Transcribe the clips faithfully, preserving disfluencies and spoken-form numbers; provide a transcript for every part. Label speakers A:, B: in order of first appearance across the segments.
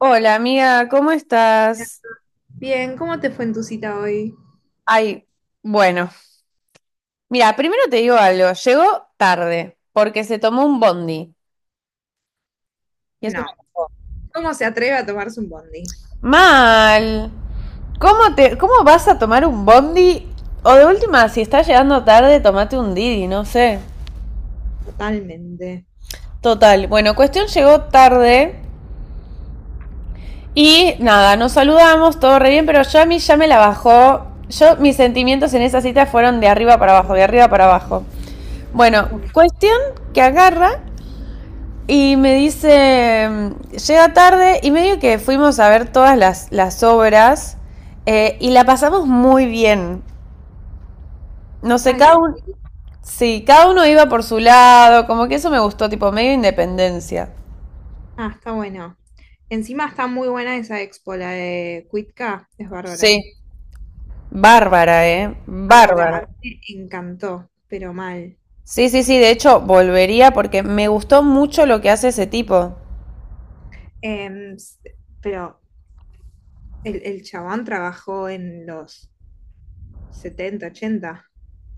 A: Hola amiga, ¿cómo estás?
B: Bien, ¿cómo te fue en tu cita hoy?
A: Ay, bueno, mira, primero te digo algo, llegó tarde porque se tomó un bondi. Y eso.
B: No. ¿Cómo se atreve a tomarse un bondi?
A: Me- Mal. ¿Cómo te, cómo vas a tomar un bondi? O de última, si estás llegando tarde, tomate un Didi, no sé.
B: Totalmente.
A: Total, bueno, cuestión llegó tarde y nada, nos saludamos, todo re bien, pero yo a mí ya me la bajó. Yo, mis sentimientos en esa cita fueron de arriba para abajo, de arriba para abajo. Bueno,
B: Uf.
A: cuestión que agarra y me dice, llega tarde y medio que fuimos a ver todas las, las obras, eh, y la pasamos muy bien. No sé,
B: Ay,
A: cada
B: sí.
A: uno, sí, cada uno iba por su lado, como que eso me gustó, tipo medio independencia.
B: Ah, está bueno. Encima está muy buena esa expo, la de Cuitca, es bárbara.
A: Sí, bárbara, ¿eh?
B: Bárbara,
A: Bárbara.
B: a mí me encantó, pero mal.
A: Sí, sí, sí, de hecho volvería porque me gustó mucho lo que hace ese tipo.
B: Em, s- pero el, el chabón trabajó en los setenta, ochenta.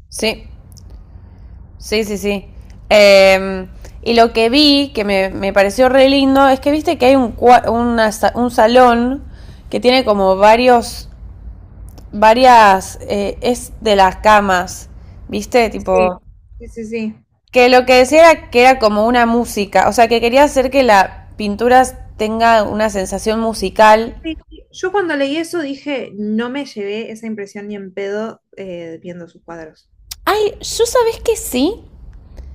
A: Sí. Sí, sí, sí. Em, y lo que vi, que me, me pareció re lindo, es que viste que hay un, cua- una sa- un salón que tiene como varios, varias, eh, es de las camas, viste,
B: Sí.
A: tipo,
B: Sí, sí, sí.
A: que lo que decía era que era como una música, o sea, que quería hacer que la pintura tenga una sensación musical.
B: Sí, yo cuando leí eso dije, no me llevé esa impresión ni en pedo eh, viendo sus cuadros.
A: Ay, yo sabés que sí,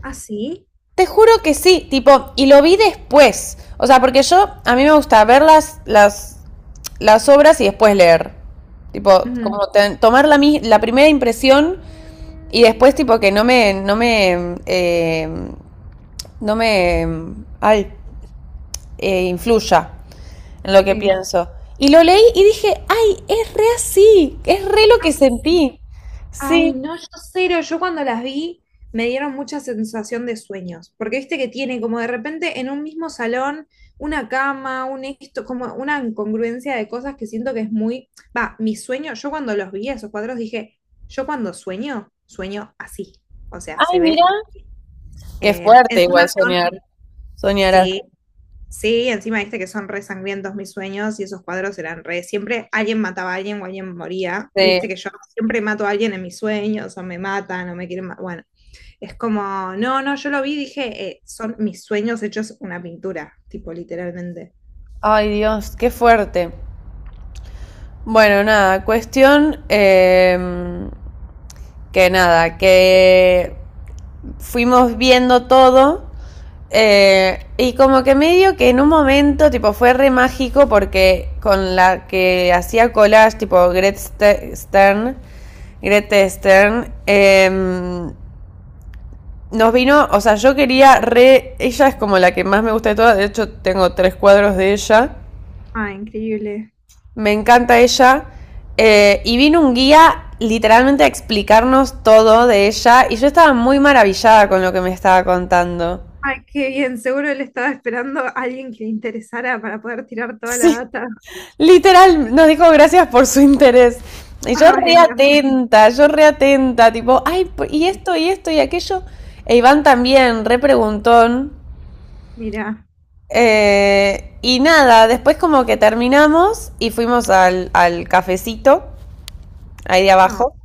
B: ¿Ah, sí?
A: te juro que sí, tipo, y lo vi después. O sea, porque yo, a mí me gusta ver las, las, las obras y después leer. Tipo,
B: Ujú,
A: como te- tomar la, mi- la primera impresión y después, tipo, que no me, no me, eh, no me, ay, eh, influya en lo que
B: sí.
A: pienso. Y lo leí y dije, ay, es re así, es re lo que
B: As-
A: sentí. Sí,
B: Ay, no, yo cero. Yo cuando las vi me dieron mucha sensación de sueños, porque viste que tiene como de repente en un mismo salón una cama, un esto, como una incongruencia de cosas que siento que es muy... Va, mi sueño, yo cuando los vi esos cuadros dije, yo cuando sueño, sueño así. O sea,
A: ay,
B: se
A: mira,
B: ve...
A: qué
B: eh,
A: fuerte
B: encima
A: igual
B: son...
A: soñar, soñar así.
B: Sí. Sí, encima viste que son re sangrientos mis sueños y esos cuadros eran re. Siempre alguien mataba a alguien o alguien moría. Y
A: Sí.
B: viste que yo siempre mato a alguien en mis sueños o me matan o me quieren matar. Bueno, es como, no, no, yo lo vi y dije, eh, son mis sueños hechos una pintura, tipo literalmente.
A: Ay Dios, qué fuerte. Bueno, nada, cuestión, eh, que nada, que fuimos viendo todo, eh, y como que medio que en un momento tipo fue re mágico porque con la que hacía collage tipo Gret Stern, Grete Stern, eh, nos vino, o sea, yo quería re, ella es como la que más me gusta de todas, de hecho tengo tres cuadros de ella.
B: Ah, increíble.
A: Me encanta ella. Eh, y vino un guía literalmente a explicarnos todo de ella y yo estaba muy maravillada con lo que me estaba contando.
B: Ay, qué bien, seguro él estaba esperando a alguien que le interesara para poder tirar toda la
A: Sí,
B: data.
A: literal, nos dijo gracias por su interés. Y yo
B: Ay, mi amor.
A: reatenta, yo reatenta, tipo, ay, y esto, y esto, y aquello. E Iván también, re preguntón.
B: Mira.
A: Eh, y nada, después como que terminamos y fuimos al, al cafecito, ahí de
B: Ah,
A: abajo.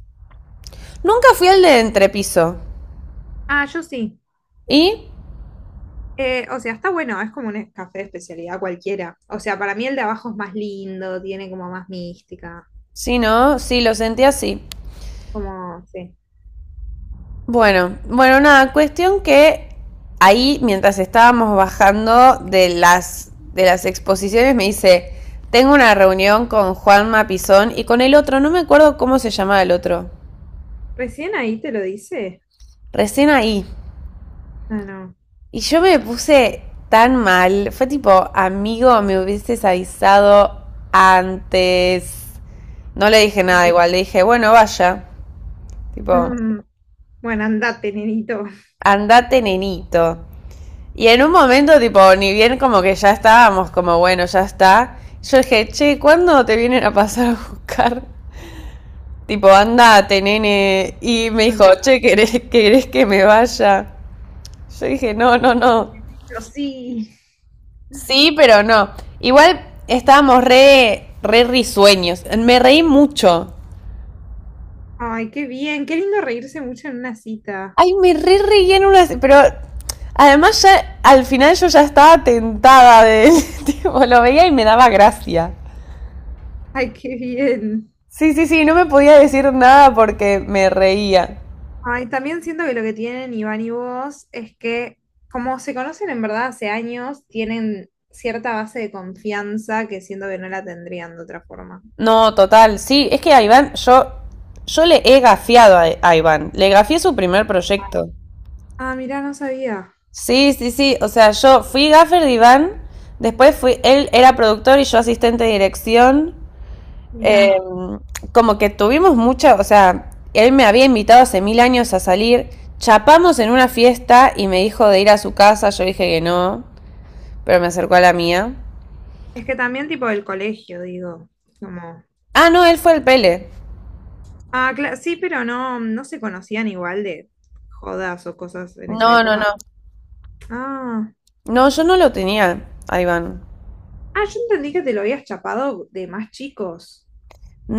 A: Nunca fui al de entrepiso.
B: Ah, yo sí.
A: ¿Y?
B: Eh, o sea, está bueno, es como un café de especialidad cualquiera. O sea, para mí el de abajo es más lindo, tiene como más mística.
A: Sí, ¿no? Sí, lo sentí así.
B: Como, sí.
A: Bueno, bueno, nada, cuestión que ahí mientras estábamos bajando de las, de las exposiciones me dice, tengo una reunión con Juan Mapizón y con el otro, no me acuerdo cómo se llamaba el otro,
B: Recién ahí te lo dice.
A: recién ahí.
B: Ah, no.
A: Y yo me puse tan mal, fue tipo, amigo, me hubieses avisado antes. No le dije nada igual, le dije, bueno, vaya, tipo,
B: Bueno, andate, nenito.
A: andate nenito. Y en un momento, tipo, ni bien como que ya estábamos, como bueno, ya está. Yo dije, che, ¿cuándo te vienen a pasar a buscar? Tipo, andate, nene. Y me dijo,
B: Andate.
A: che, ¿querés, querés que me vaya. Yo dije, no, no, no.
B: Pero sí.
A: Sí, pero no. Igual estábamos re, re risueños. Me reí mucho.
B: Ay, qué bien. Qué lindo reírse mucho en una cita.
A: Ay, me re reí en unas. Pero además, ya al final yo ya estaba tentada de él. Tipo, lo veía y me daba gracia.
B: Ay, qué bien.
A: Sí, sí, sí, no me podía decir nada porque me reía.
B: Ay, también siento que lo que tienen Iván y vos es que, como se conocen en verdad hace años, tienen cierta base de confianza que siento que no la tendrían de otra forma.
A: No, total, sí, es que a Iván, yo, yo le he gafiado a, a Iván, le gafié su primer proyecto.
B: Ah, mira, no sabía.
A: Sí, sí, sí, o sea, yo fui gaffer de Iván, después fui, él era productor y yo asistente de dirección. Eh,
B: Mira.
A: Como que tuvimos mucha, o sea, él me había invitado hace mil años a salir, chapamos en una fiesta y me dijo de ir a su casa, yo dije que no, pero me acercó a la mía.
B: Es que también tipo del colegio, digo. Como.
A: Ah, no, él fue el Pele.
B: Ah, cla- sí, pero no, mm, no se conocían igual de jodas o cosas en esa
A: No, no,
B: época.
A: no.
B: Ah.
A: No, yo no lo tenía, a Iván.
B: Ah, yo entendí que te lo habías chapado de más chicos.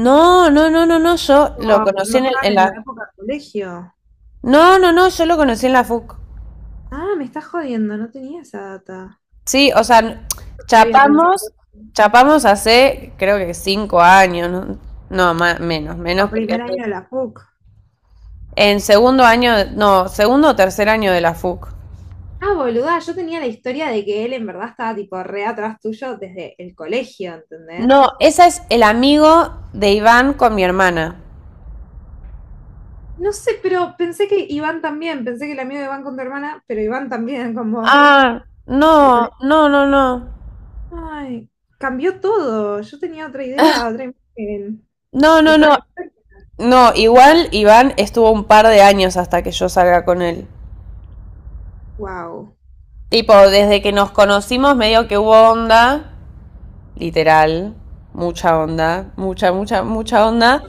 A: No, no, no, no, no, yo
B: O
A: lo conocí
B: cuando
A: en, el- en
B: estaban en la
A: la...
B: época del colegio.
A: No, no, no, yo lo conocí en la FUC.
B: Ah, me estás jodiendo, no tenía esa data.
A: Sí, o sea, n-
B: Ya había
A: chapamos,
B: pensado.
A: chapamos hace creo que cinco años, no, no más, menos,
B: O
A: menos porque
B: primer
A: hace-
B: año de la P U C.
A: en segundo año, no, segundo o tercer año de la FUC.
B: Ah, boluda, yo tenía la historia de que él en verdad estaba tipo re atrás tuyo desde el colegio,
A: No,
B: ¿entendés?
A: esa es el amigo de Iván con mi hermana.
B: No sé, pero pensé que Iván también, pensé que el amigo de Iván con tu hermana, pero Iván también con vos.
A: Ah, no,
B: Del colegio.
A: no, no, no.
B: Ay, cambió todo. Yo tenía otra idea, otra imagen
A: No,
B: de
A: no,
B: toda
A: no.
B: la historia.
A: No, igual Iván estuvo un par de años hasta que yo salga con él.
B: Wow.
A: Tipo, desde que nos conocimos medio que hubo onda, literal, mucha onda, mucha, mucha, mucha onda,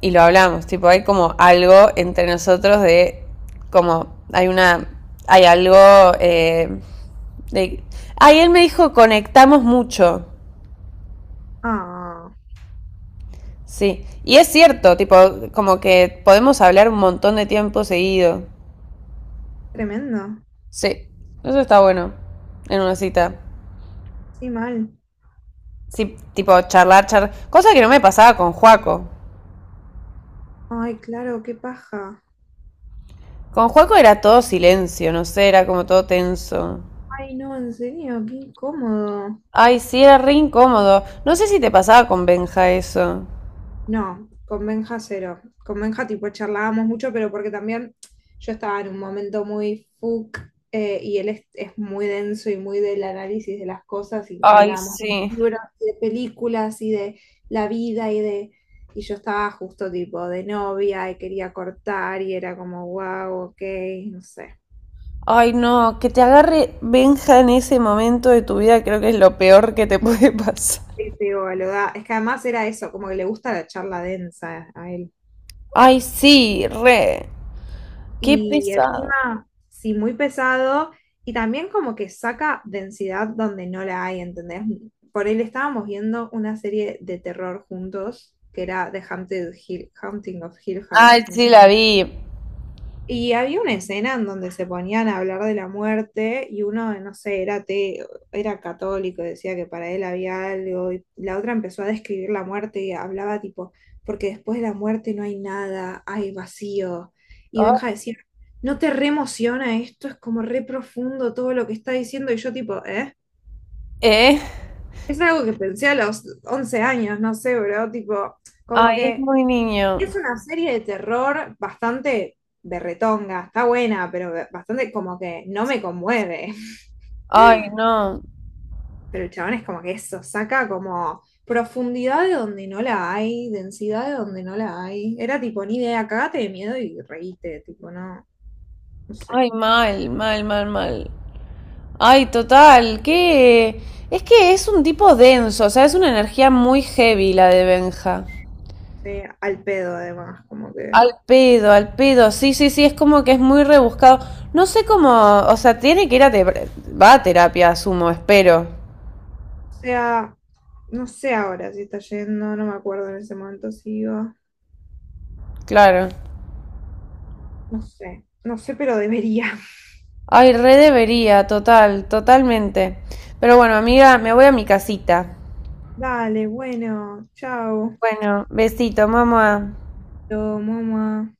A: y lo hablamos, tipo, hay como algo entre nosotros de, como, hay una, hay algo, eh, de... Ay, él me dijo, conectamos mucho,
B: Ah,
A: sí, y es cierto, tipo, como que podemos hablar un montón de tiempo seguido,
B: tremendo.
A: sí, eso está bueno en una cita.
B: Sí, mal.
A: Sí, tipo charlar, charlar. Cosa que no me pasaba con Juaco.
B: Ay, claro, qué paja.
A: Con Juaco era todo silencio, no sé, era como todo tenso.
B: Ay, no, en serio, qué incómodo.
A: Ay, sí, era re incómodo. No sé si te pasaba con Benja eso.
B: No, con Benja cero. Con Benja tipo charlábamos mucho, pero porque también yo estaba en un momento muy fuck eh, y él es, es, muy denso y muy del análisis de las cosas y
A: Ay,
B: hablábamos
A: sí.
B: de libros, y de películas y de la vida y de... Y yo estaba justo tipo de novia y quería cortar y era como, wow, ok, no sé.
A: Ay, no, que te agarre Benja en ese momento de tu vida creo que es lo peor que te puede pasar.
B: Este, boluda. Es que además era eso, como que le gusta la charla densa a él.
A: Ay, sí, re. Qué
B: Y
A: pesado.
B: encima, sí, muy pesado. Y también como que saca densidad donde no la hay, ¿entendés? Por él estábamos viendo una serie de terror juntos, que era The Haunted Hill, Haunting of Hill House.
A: Ay,
B: No
A: sí,
B: sé,
A: la vi.
B: y había una escena en donde se ponían a hablar de la muerte y uno, no sé, era ateo, era católico, decía que para él había algo, y la otra empezó a describir la muerte y hablaba tipo, porque después de la muerte no hay nada, hay vacío. Y Benja
A: Ah.
B: decía, ¿no te re emociona esto? Es como re profundo todo lo que está diciendo y yo tipo, ¿eh?
A: ¿Eh?
B: Es algo que pensé a los once años, no sé, bro, tipo, como
A: Ay, es
B: que
A: muy niño.
B: es una serie de terror bastante berretonga, está buena, pero bastante como que no me conmueve.
A: Ay, no.
B: Pero el chabón es como que eso, saca como profundidad de donde no la hay, densidad de donde no la hay. Era tipo, ni idea, cagate de miedo y reíste, tipo, no, no sé.
A: Ay, mal, mal, mal, mal. Ay, total, que es que es un tipo denso, o sea, es una energía muy heavy la de Benja.
B: Sí, al pedo además, como que.
A: Al pedo, al pedo, sí, sí, sí, es como que es muy rebuscado. No sé cómo, o sea, tiene que ir a terapia, va a terapia, asumo, espero,
B: O sea, no sé ahora si está yendo, no me acuerdo en ese momento si iba.
A: claro.
B: No sé, no sé, pero debería.
A: Ay, re debería, total, totalmente. Pero bueno, amiga, me voy a mi casita.
B: Dale, bueno, chao.
A: Bueno, besito, mamá.
B: Yo, mamá.